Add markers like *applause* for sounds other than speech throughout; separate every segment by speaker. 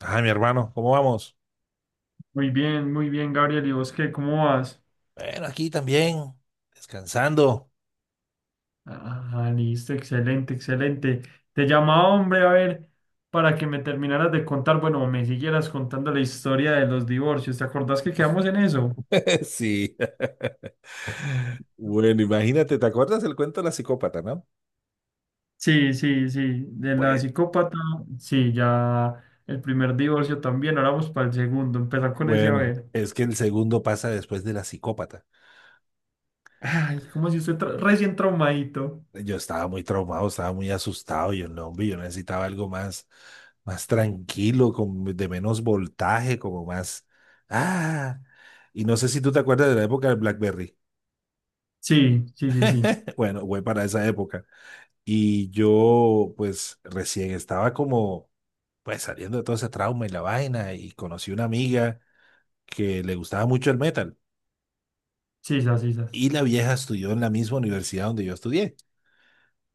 Speaker 1: Ah, mi hermano, ¿cómo vamos?
Speaker 2: Muy bien, Gabriel. ¿Y vos qué? ¿Cómo vas?
Speaker 1: Bueno, aquí también, descansando.
Speaker 2: Ah, listo, excelente, excelente. Te llamaba, hombre, a ver, para que me terminaras de contar, bueno, me siguieras contando la historia de los divorcios. ¿Te acordás que quedamos en eso?
Speaker 1: *laughs* Sí. *laughs* Bueno, imagínate, ¿te acuerdas del cuento de la psicópata, no?
Speaker 2: Sí, sí, sí, de la
Speaker 1: Bueno,
Speaker 2: psicópata, sí, ya el primer divorcio también, ahora vamos para el segundo, empezar con ese a
Speaker 1: Bueno,
Speaker 2: ver.
Speaker 1: es que el segundo pasa después de la psicópata.
Speaker 2: Ay, como si usted recién traumadito.
Speaker 1: Yo estaba muy traumado, estaba muy asustado, yo no, hombre, yo necesitaba algo más, más tranquilo, con, de menos voltaje, como más, ah, y no sé si tú te acuerdas de la época del BlackBerry.
Speaker 2: Sí, sí, sí, sí,
Speaker 1: *laughs* Bueno, fue para esa época. Y yo, pues, recién estaba como, pues, saliendo de todo ese trauma y la vaina, y conocí una amiga que le gustaba mucho el metal.
Speaker 2: sí, sisas, sisas.
Speaker 1: Y la vieja estudió en la misma universidad donde yo estudié,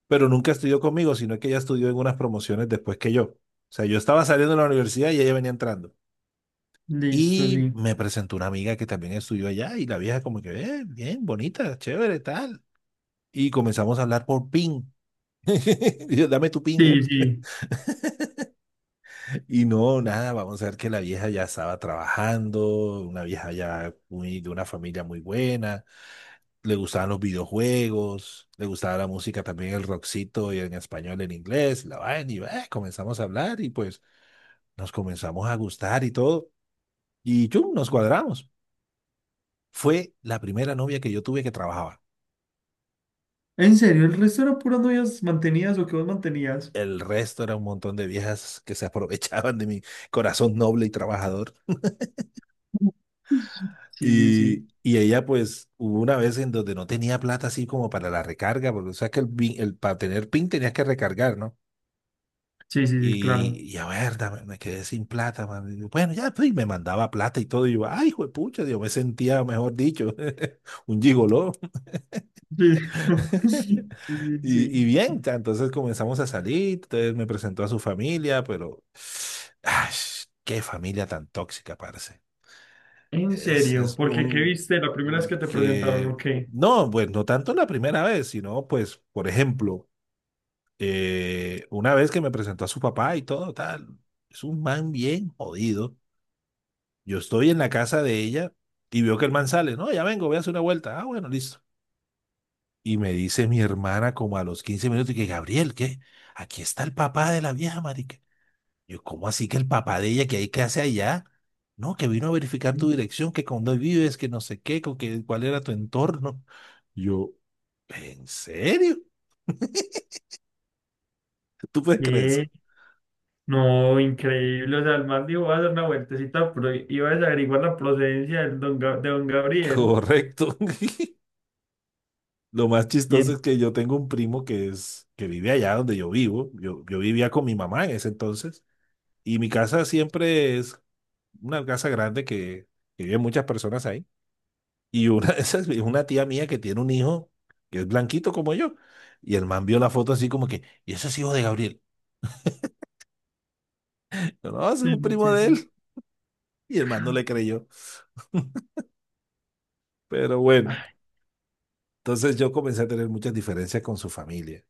Speaker 1: pero nunca estudió conmigo, sino que ella estudió en unas promociones después que yo. O sea, yo estaba saliendo de la universidad y ella venía entrando.
Speaker 2: Listo,
Speaker 1: Y
Speaker 2: sí.
Speaker 1: me presentó una amiga que también estudió allá, y la vieja como que, bien, bonita, chévere, tal". Y comenzamos a hablar por PIN. *laughs* Y yo, dame tu PIN.
Speaker 2: Sí, sí.
Speaker 1: Y no, nada, vamos a ver que la vieja ya estaba trabajando, una vieja ya muy, de una familia muy buena, le gustaban los videojuegos, le gustaba la música también, el rockcito y en español, en inglés, la vaina, y comenzamos a hablar y pues nos comenzamos a gustar y todo, y chum, nos cuadramos. Fue la primera novia que yo tuve que trabajaba.
Speaker 2: En serio, el resto eran puras novias mantenidas o que vos mantenías.
Speaker 1: El resto era un montón de viejas que se *laughs* aprovechaban de mi corazón noble y trabajador.
Speaker 2: Sí, sí, sí.
Speaker 1: Y ella, pues, hubo una vez en donde no tenía plata así como para la recarga, porque o sea que el, para tener PIN tenías que recargar, ¿no?
Speaker 2: Sí, sí, sí, claro.
Speaker 1: Y a ver, me quedé sin plata, man. Y yo, bueno, ya, pues, y me mandaba plata y todo. Y yo, ay, hijo de pucha, yo me sentía, mejor dicho, *laughs* un gigoló.
Speaker 2: Sí, *laughs* sí,
Speaker 1: *laughs*
Speaker 2: sí, sí.
Speaker 1: Y bien, ta, entonces comenzamos a salir, entonces me presentó a su familia, pero, *sighs* ay, qué familia tan tóxica, parce.
Speaker 2: En
Speaker 1: Es,
Speaker 2: serio,
Speaker 1: es
Speaker 2: porque ¿qué
Speaker 1: un,
Speaker 2: viste la primera vez que te presentaron
Speaker 1: porque,
Speaker 2: o qué?
Speaker 1: no, pues no tanto la primera vez, sino pues, por ejemplo, una vez que me presentó a su papá y todo, tal, es un man bien jodido. Yo estoy en la casa de ella y veo que el man sale, no, ya vengo, voy a hacer una vuelta. Ah, bueno, listo. Y me dice mi hermana como a los 15 minutos, y que Gabriel, ¿qué? Aquí está el papá de la vieja. Yo, ¿cómo así que el papá de ella, que ahí, qué hace allá? No, que vino a verificar tu dirección, que con dónde vives, que no sé qué, con que, cuál era tu entorno. Yo, ¿en serio? *laughs* ¿Tú puedes creer
Speaker 2: ¿Qué?
Speaker 1: eso?
Speaker 2: No, increíble. O sea, el man dijo, voy a hacer una vueltecita, pero iba a averiguar la procedencia del de don Gabriel.
Speaker 1: Correcto. *laughs* Lo más
Speaker 2: Y
Speaker 1: chistoso es
Speaker 2: en-
Speaker 1: que yo tengo un primo que es, que vive allá donde yo vivo. Yo vivía con mi mamá en ese entonces. Y mi casa siempre es una casa grande que viven muchas personas ahí. Y una *laughs* de esas es una tía mía que tiene un hijo que es blanquito como yo. Y el man vio la foto así como que, ¿y ese es hijo de Gabriel? *laughs* Yo, no, ese es
Speaker 2: Sí,
Speaker 1: un
Speaker 2: sí,
Speaker 1: primo
Speaker 2: sí,
Speaker 1: de
Speaker 2: sí.
Speaker 1: él. *laughs* Y el man no le creyó. Pero bueno,
Speaker 2: Ay,
Speaker 1: entonces yo comencé a tener muchas diferencias con su familia.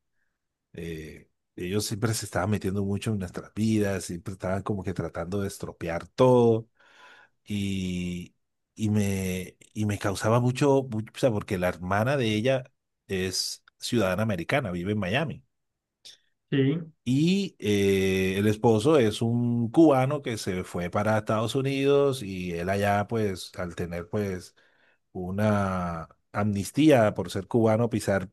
Speaker 1: Eh, ellos siempre se estaban metiendo mucho en nuestras vidas, siempre estaban como que tratando de estropear todo. Y, y me causaba mucho, mucho, o sea, porque la hermana de ella es ciudadana americana, vive en Miami.
Speaker 2: sí,
Speaker 1: Y el esposo es un cubano que se fue para Estados Unidos y él allá, pues, al tener, pues, una amnistía por ser cubano, pisar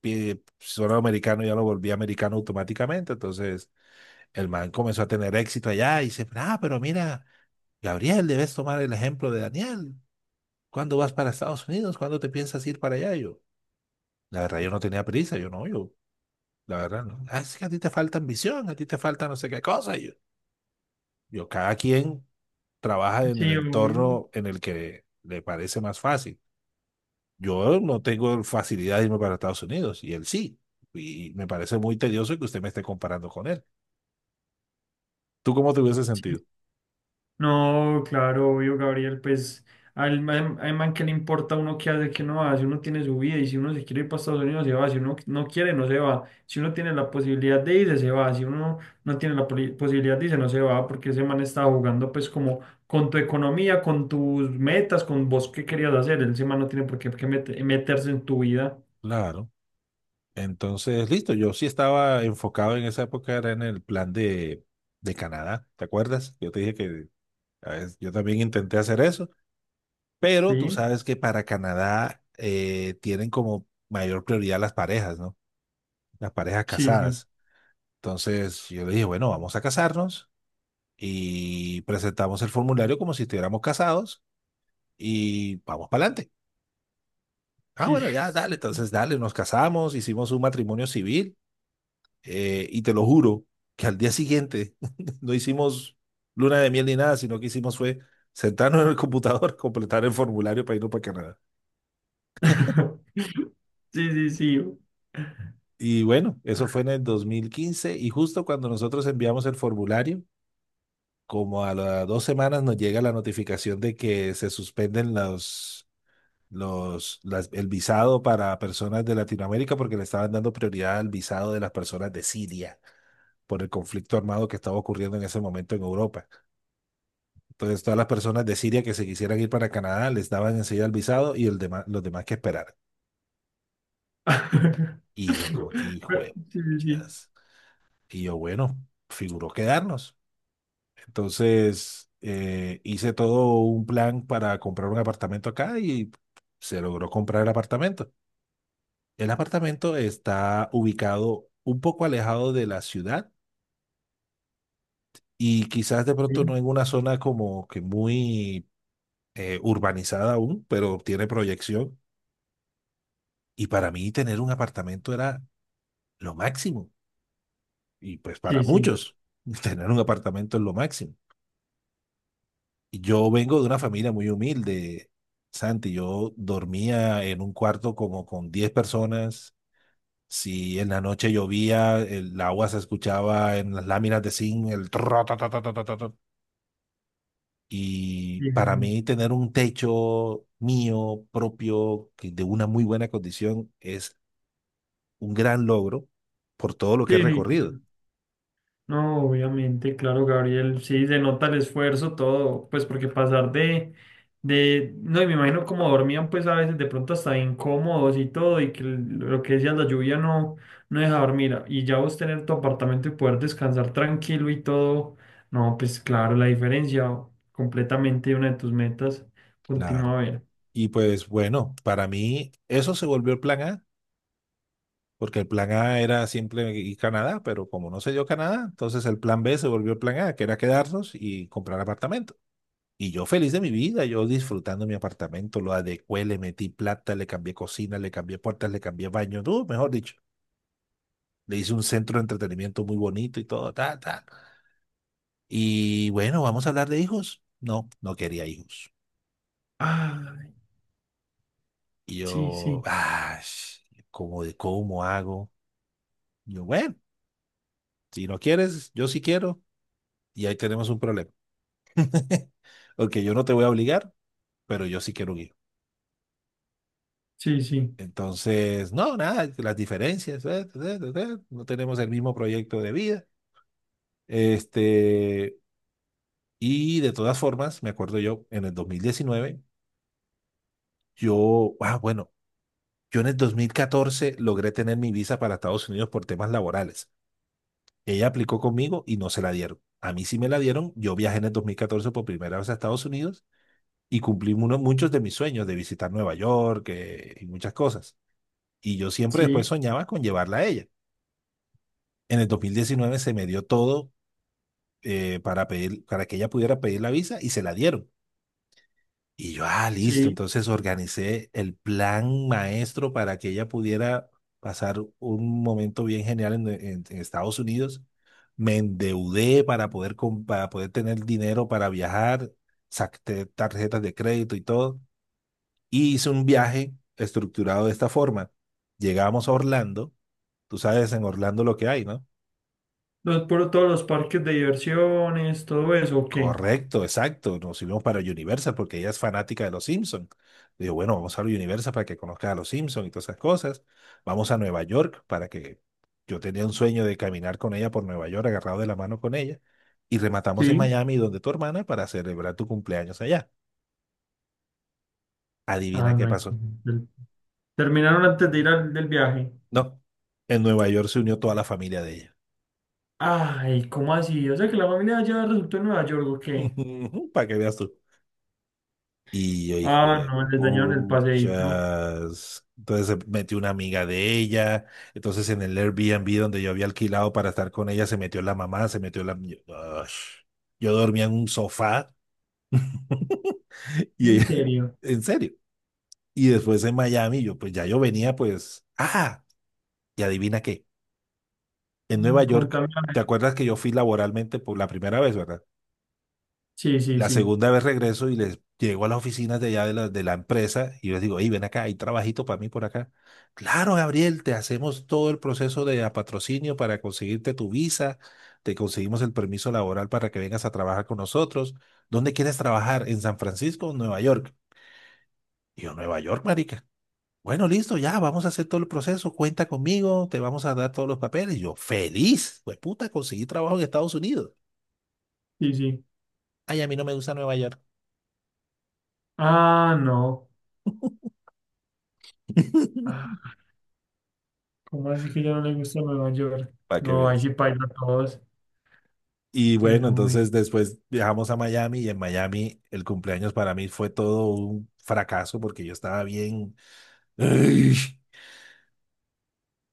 Speaker 1: pie, suelo americano, ya lo volvía americano automáticamente. Entonces, el man comenzó a tener éxito allá y dice, ah, pero mira, Gabriel, debes tomar el ejemplo de Daniel. ¿Cuándo vas para Estados Unidos? ¿Cuándo te piensas ir para allá? Y yo, la verdad, yo no tenía prisa, yo no, yo, la verdad, no. Ah, es que a ti te falta ambición, a ti te falta no sé qué cosa. Y yo, cada quien trabaja en el
Speaker 2: sí, obvio.
Speaker 1: entorno en el que le parece más fácil. Yo no tengo facilidad de irme para Estados Unidos y él sí. Y me parece muy tedioso que usted me esté comparando con él. ¿Tú cómo te hubiese
Speaker 2: Sí.
Speaker 1: sentido?
Speaker 2: No, claro, obvio, Gabriel, pues al man que le importa a uno qué hace, qué no hace, uno tiene su vida y si uno se quiere ir para Estados Unidos se va, si uno no quiere no se va, si uno tiene la posibilidad de irse se va, si uno no tiene la posibilidad de irse no se va, porque ese man estaba jugando pues como con tu economía, con tus metas, con vos qué querías hacer, ese man no tiene por qué, meterse en tu vida,
Speaker 1: Claro. Entonces, listo. Yo sí estaba enfocado en esa época, era en el plan de Canadá. ¿Te acuerdas? Yo te dije que a veces, yo también intenté hacer eso, pero tú
Speaker 2: ¿sí?
Speaker 1: sabes que para Canadá tienen como mayor prioridad las parejas, ¿no? Las parejas
Speaker 2: Sí, sí,
Speaker 1: casadas. Entonces yo le dije, bueno, vamos a casarnos y presentamos el formulario como si estuviéramos casados y vamos para adelante. Ah,
Speaker 2: sí,
Speaker 1: bueno, ya,
Speaker 2: sí,
Speaker 1: dale, entonces dale, nos casamos, hicimos un matrimonio civil, y te lo juro que al día siguiente *laughs* no hicimos luna de miel ni nada, sino que hicimos fue sentarnos en el computador, *laughs* completar el formulario para irnos para Canadá.
Speaker 2: *laughs* sí, sí, sí.
Speaker 1: Y bueno, eso fue en el 2015 y justo cuando nosotros enviamos el formulario, como a las 2 semanas nos llega la notificación de que se suspenden el visado para personas de Latinoamérica porque le estaban dando prioridad al visado de las personas de Siria por el conflicto armado que estaba ocurriendo en ese momento en Europa. Entonces, todas las personas de Siria que se quisieran ir para Canadá les daban enseguida el visado y el demás, los demás que esperaran.
Speaker 2: *laughs*
Speaker 1: Y yo como que, hijo
Speaker 2: Pero-
Speaker 1: de
Speaker 2: Sí, sí,
Speaker 1: chas. Y yo, bueno, figuró quedarnos. Entonces, hice todo un plan para comprar un apartamento acá y se logró comprar el apartamento. El apartamento está ubicado un poco alejado de la ciudad y quizás de
Speaker 2: sí,
Speaker 1: pronto
Speaker 2: sí,
Speaker 1: no en una zona como que muy urbanizada aún, pero tiene proyección. Y para mí tener un apartamento era lo máximo. Y pues para
Speaker 2: sí, sí,
Speaker 1: muchos, *laughs* tener un apartamento es lo máximo. Yo vengo de una familia muy humilde, Santi. Yo dormía en un cuarto como con 10 personas. Si en la noche llovía, el agua se escuchaba en las láminas de zinc, el tra, ta, ta, ta, ta, ta, ta, ta. Y
Speaker 2: sí,
Speaker 1: para
Speaker 2: Gabriel.
Speaker 1: mí tener un techo mío, propio, que de una muy buena condición, es un gran logro por todo lo que he
Speaker 2: Sí, sí,
Speaker 1: recorrido.
Speaker 2: claro. No, obviamente, claro, Gabriel, sí, se nota el esfuerzo, todo, pues porque pasar de, no, y me imagino como dormían, pues a veces de pronto hasta incómodos y todo, y que lo que decías, la lluvia no, no deja dormir, y ya vos tener tu apartamento y poder descansar tranquilo y todo, no, pues claro, la diferencia, completamente una de tus metas,
Speaker 1: Claro.
Speaker 2: continúa a ver.
Speaker 1: Y pues bueno, para mí eso se volvió el plan A, porque el plan A era siempre ir a Canadá, pero como no se dio Canadá, entonces el plan B se volvió el plan A, que era quedarnos y comprar apartamento. Y yo feliz de mi vida, yo disfrutando mi apartamento, lo adecué, le metí plata, le cambié cocina, le cambié puertas, le cambié baño, no, mejor dicho. Le hice un centro de entretenimiento muy bonito y todo, ta, ta. Y bueno, vamos a hablar de hijos. No, no quería hijos.
Speaker 2: Ah,
Speaker 1: Y
Speaker 2: sí,
Speaker 1: yo,
Speaker 2: sí.
Speaker 1: ah, ¿cómo, de cómo hago? Yo, bueno, si no quieres, yo sí quiero. Y ahí tenemos un problema. *laughs* Ok, yo no te voy a obligar, pero yo sí quiero un hijo.
Speaker 2: Sí, sí,
Speaker 1: Entonces, no, nada, las diferencias, no tenemos el mismo proyecto de vida. Este, y de todas formas, me acuerdo yo, en el 2019, yo, bueno, yo en el 2014 logré tener mi visa para Estados Unidos por temas laborales. Ella aplicó conmigo y no se la dieron. A mí sí me la dieron. Yo viajé en el 2014 por primera vez a Estados Unidos y cumplí uno, muchos de mis sueños de visitar Nueva York, y muchas cosas. Y yo siempre
Speaker 2: sí,
Speaker 1: después soñaba con llevarla a ella. En el 2019 se me dio todo para pedir, para que ella pudiera pedir la visa y se la dieron. Y yo, ah, listo,
Speaker 2: sí.
Speaker 1: entonces organicé el plan maestro para que ella pudiera pasar un momento bien genial en, en Estados Unidos. Me endeudé para poder, para poder tener dinero para viajar, saqué tarjetas de crédito y todo. Y hice un viaje estructurado de esta forma. Llegamos a Orlando, tú sabes en Orlando lo que hay, ¿no?
Speaker 2: Los, por todos los parques de diversiones, todo eso, ¿o qué?
Speaker 1: Correcto, exacto. Nos fuimos para Universal porque ella es fanática de los Simpsons. Digo, bueno, vamos a Universal para que conozca a los Simpsons y todas esas cosas. Vamos a Nueva York para que yo tenía un sueño de caminar con ella por Nueva York, agarrado de la mano con ella. Y rematamos en
Speaker 2: Sí.
Speaker 1: Miami, donde tu hermana, para celebrar tu cumpleaños allá. Adivina
Speaker 2: Ah,
Speaker 1: qué
Speaker 2: no hay que...
Speaker 1: pasó.
Speaker 2: el- Terminaron antes de ir al del viaje.
Speaker 1: No, en Nueva York se unió toda la familia de ella.
Speaker 2: Ay, ¿cómo así? O sea que la familia ya resultó en Nueva York, ¿o qué?
Speaker 1: *laughs* Para que veas tú. Y yo, hijo
Speaker 2: Ah,
Speaker 1: de
Speaker 2: no, les dañaron el paseíto.
Speaker 1: puchas. Entonces se metió una amiga de ella. Entonces en el Airbnb donde yo había alquilado para estar con ella, se metió la mamá, se metió la... Yo, ush. Yo dormía en un sofá. *laughs* Y
Speaker 2: ¿En
Speaker 1: ella,
Speaker 2: serio?
Speaker 1: en serio. Y después en Miami, yo pues ya yo venía pues, y adivina qué, en Nueva
Speaker 2: Mm,
Speaker 1: York,
Speaker 2: contame, a
Speaker 1: ¿te
Speaker 2: ver.
Speaker 1: acuerdas que yo fui laboralmente por la primera vez, verdad?
Speaker 2: Sí, sí,
Speaker 1: La
Speaker 2: sí,
Speaker 1: segunda vez regreso y les llego a las oficinas de allá de la empresa y les digo, hey, ven acá, hay trabajito para mí por acá. Claro, Gabriel, te hacemos todo el proceso de a patrocinio para conseguirte tu visa, te conseguimos el permiso laboral para que vengas a trabajar con nosotros. ¿Dónde quieres trabajar? ¿En San Francisco o Nueva York? Y yo, Nueva York, marica. Bueno, listo, ya, vamos a hacer todo el proceso, cuenta conmigo, te vamos a dar todos los papeles. Y yo, feliz, pues puta, conseguí trabajo en Estados Unidos.
Speaker 2: sí, sí.
Speaker 1: Ay, a mí no me gusta Nueva York.
Speaker 2: Ah, no.
Speaker 1: *laughs*
Speaker 2: Ah, ¿cómo así que ya no le gusta Nueva York?
Speaker 1: Para que
Speaker 2: No, ahí
Speaker 1: veas.
Speaker 2: sí paila a todos,
Speaker 1: Y bueno,
Speaker 2: pero bueno.
Speaker 1: entonces después viajamos a Miami y en Miami el cumpleaños para mí fue todo un fracaso porque yo estaba bien... ¡Ay!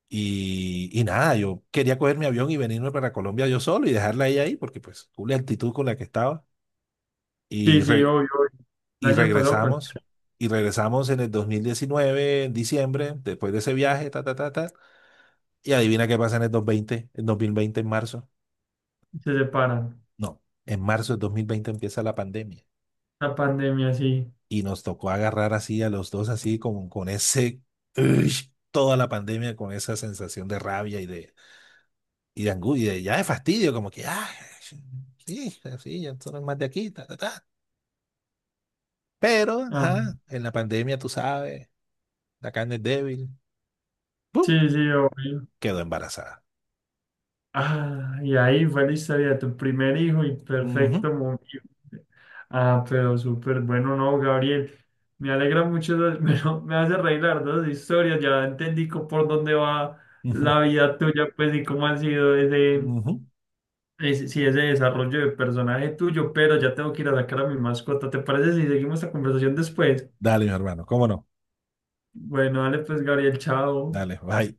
Speaker 1: Y nada, yo quería coger mi avión y venirme para Colombia yo solo y dejarla ahí porque pues tuve la actitud con la que estaba.
Speaker 2: Sí,
Speaker 1: Y,
Speaker 2: sí,
Speaker 1: re-
Speaker 2: obvio, obvio. El
Speaker 1: y
Speaker 2: año pasado
Speaker 1: regresamos.
Speaker 2: cualquiera
Speaker 1: Y regresamos en el 2019, en diciembre, después de ese viaje, ta, ta, ta, ta. Y adivina qué pasa en el 2020 en marzo.
Speaker 2: se separan.
Speaker 1: No, en marzo del 2020 empieza la pandemia.
Speaker 2: La pandemia, sí.
Speaker 1: Y nos tocó agarrar así a los dos, así como con ese, uy, toda la pandemia, con esa sensación de rabia y de angustia, y ya de fastidio, como que, ah, sí, sí, ya son más de aquí, ta, ta, ta. Pero,
Speaker 2: Ah,
Speaker 1: ajá, en la pandemia, tú sabes, la carne es débil, ¡pum!
Speaker 2: sí, sí, obvio.
Speaker 1: Quedó embarazada.
Speaker 2: Ah, y ahí fue la historia de tu primer hijo y
Speaker 1: Ujú,
Speaker 2: perfecto, muy bien. Ah, pero súper bueno, no, Gabriel. Me alegra mucho, *laughs* me hace reír las dos historias. Ya entendí por dónde va
Speaker 1: ujú,
Speaker 2: la vida tuya, pues, y cómo ha sido ese,
Speaker 1: ujú.
Speaker 2: ese, sí, ese desarrollo de personaje tuyo. Pero ya tengo que ir a sacar a mi mascota. ¿Te parece si seguimos la conversación después?
Speaker 1: Dale, mi hermano, cómo no.
Speaker 2: Bueno, dale, pues, Gabriel, chao.
Speaker 1: Dale, bye.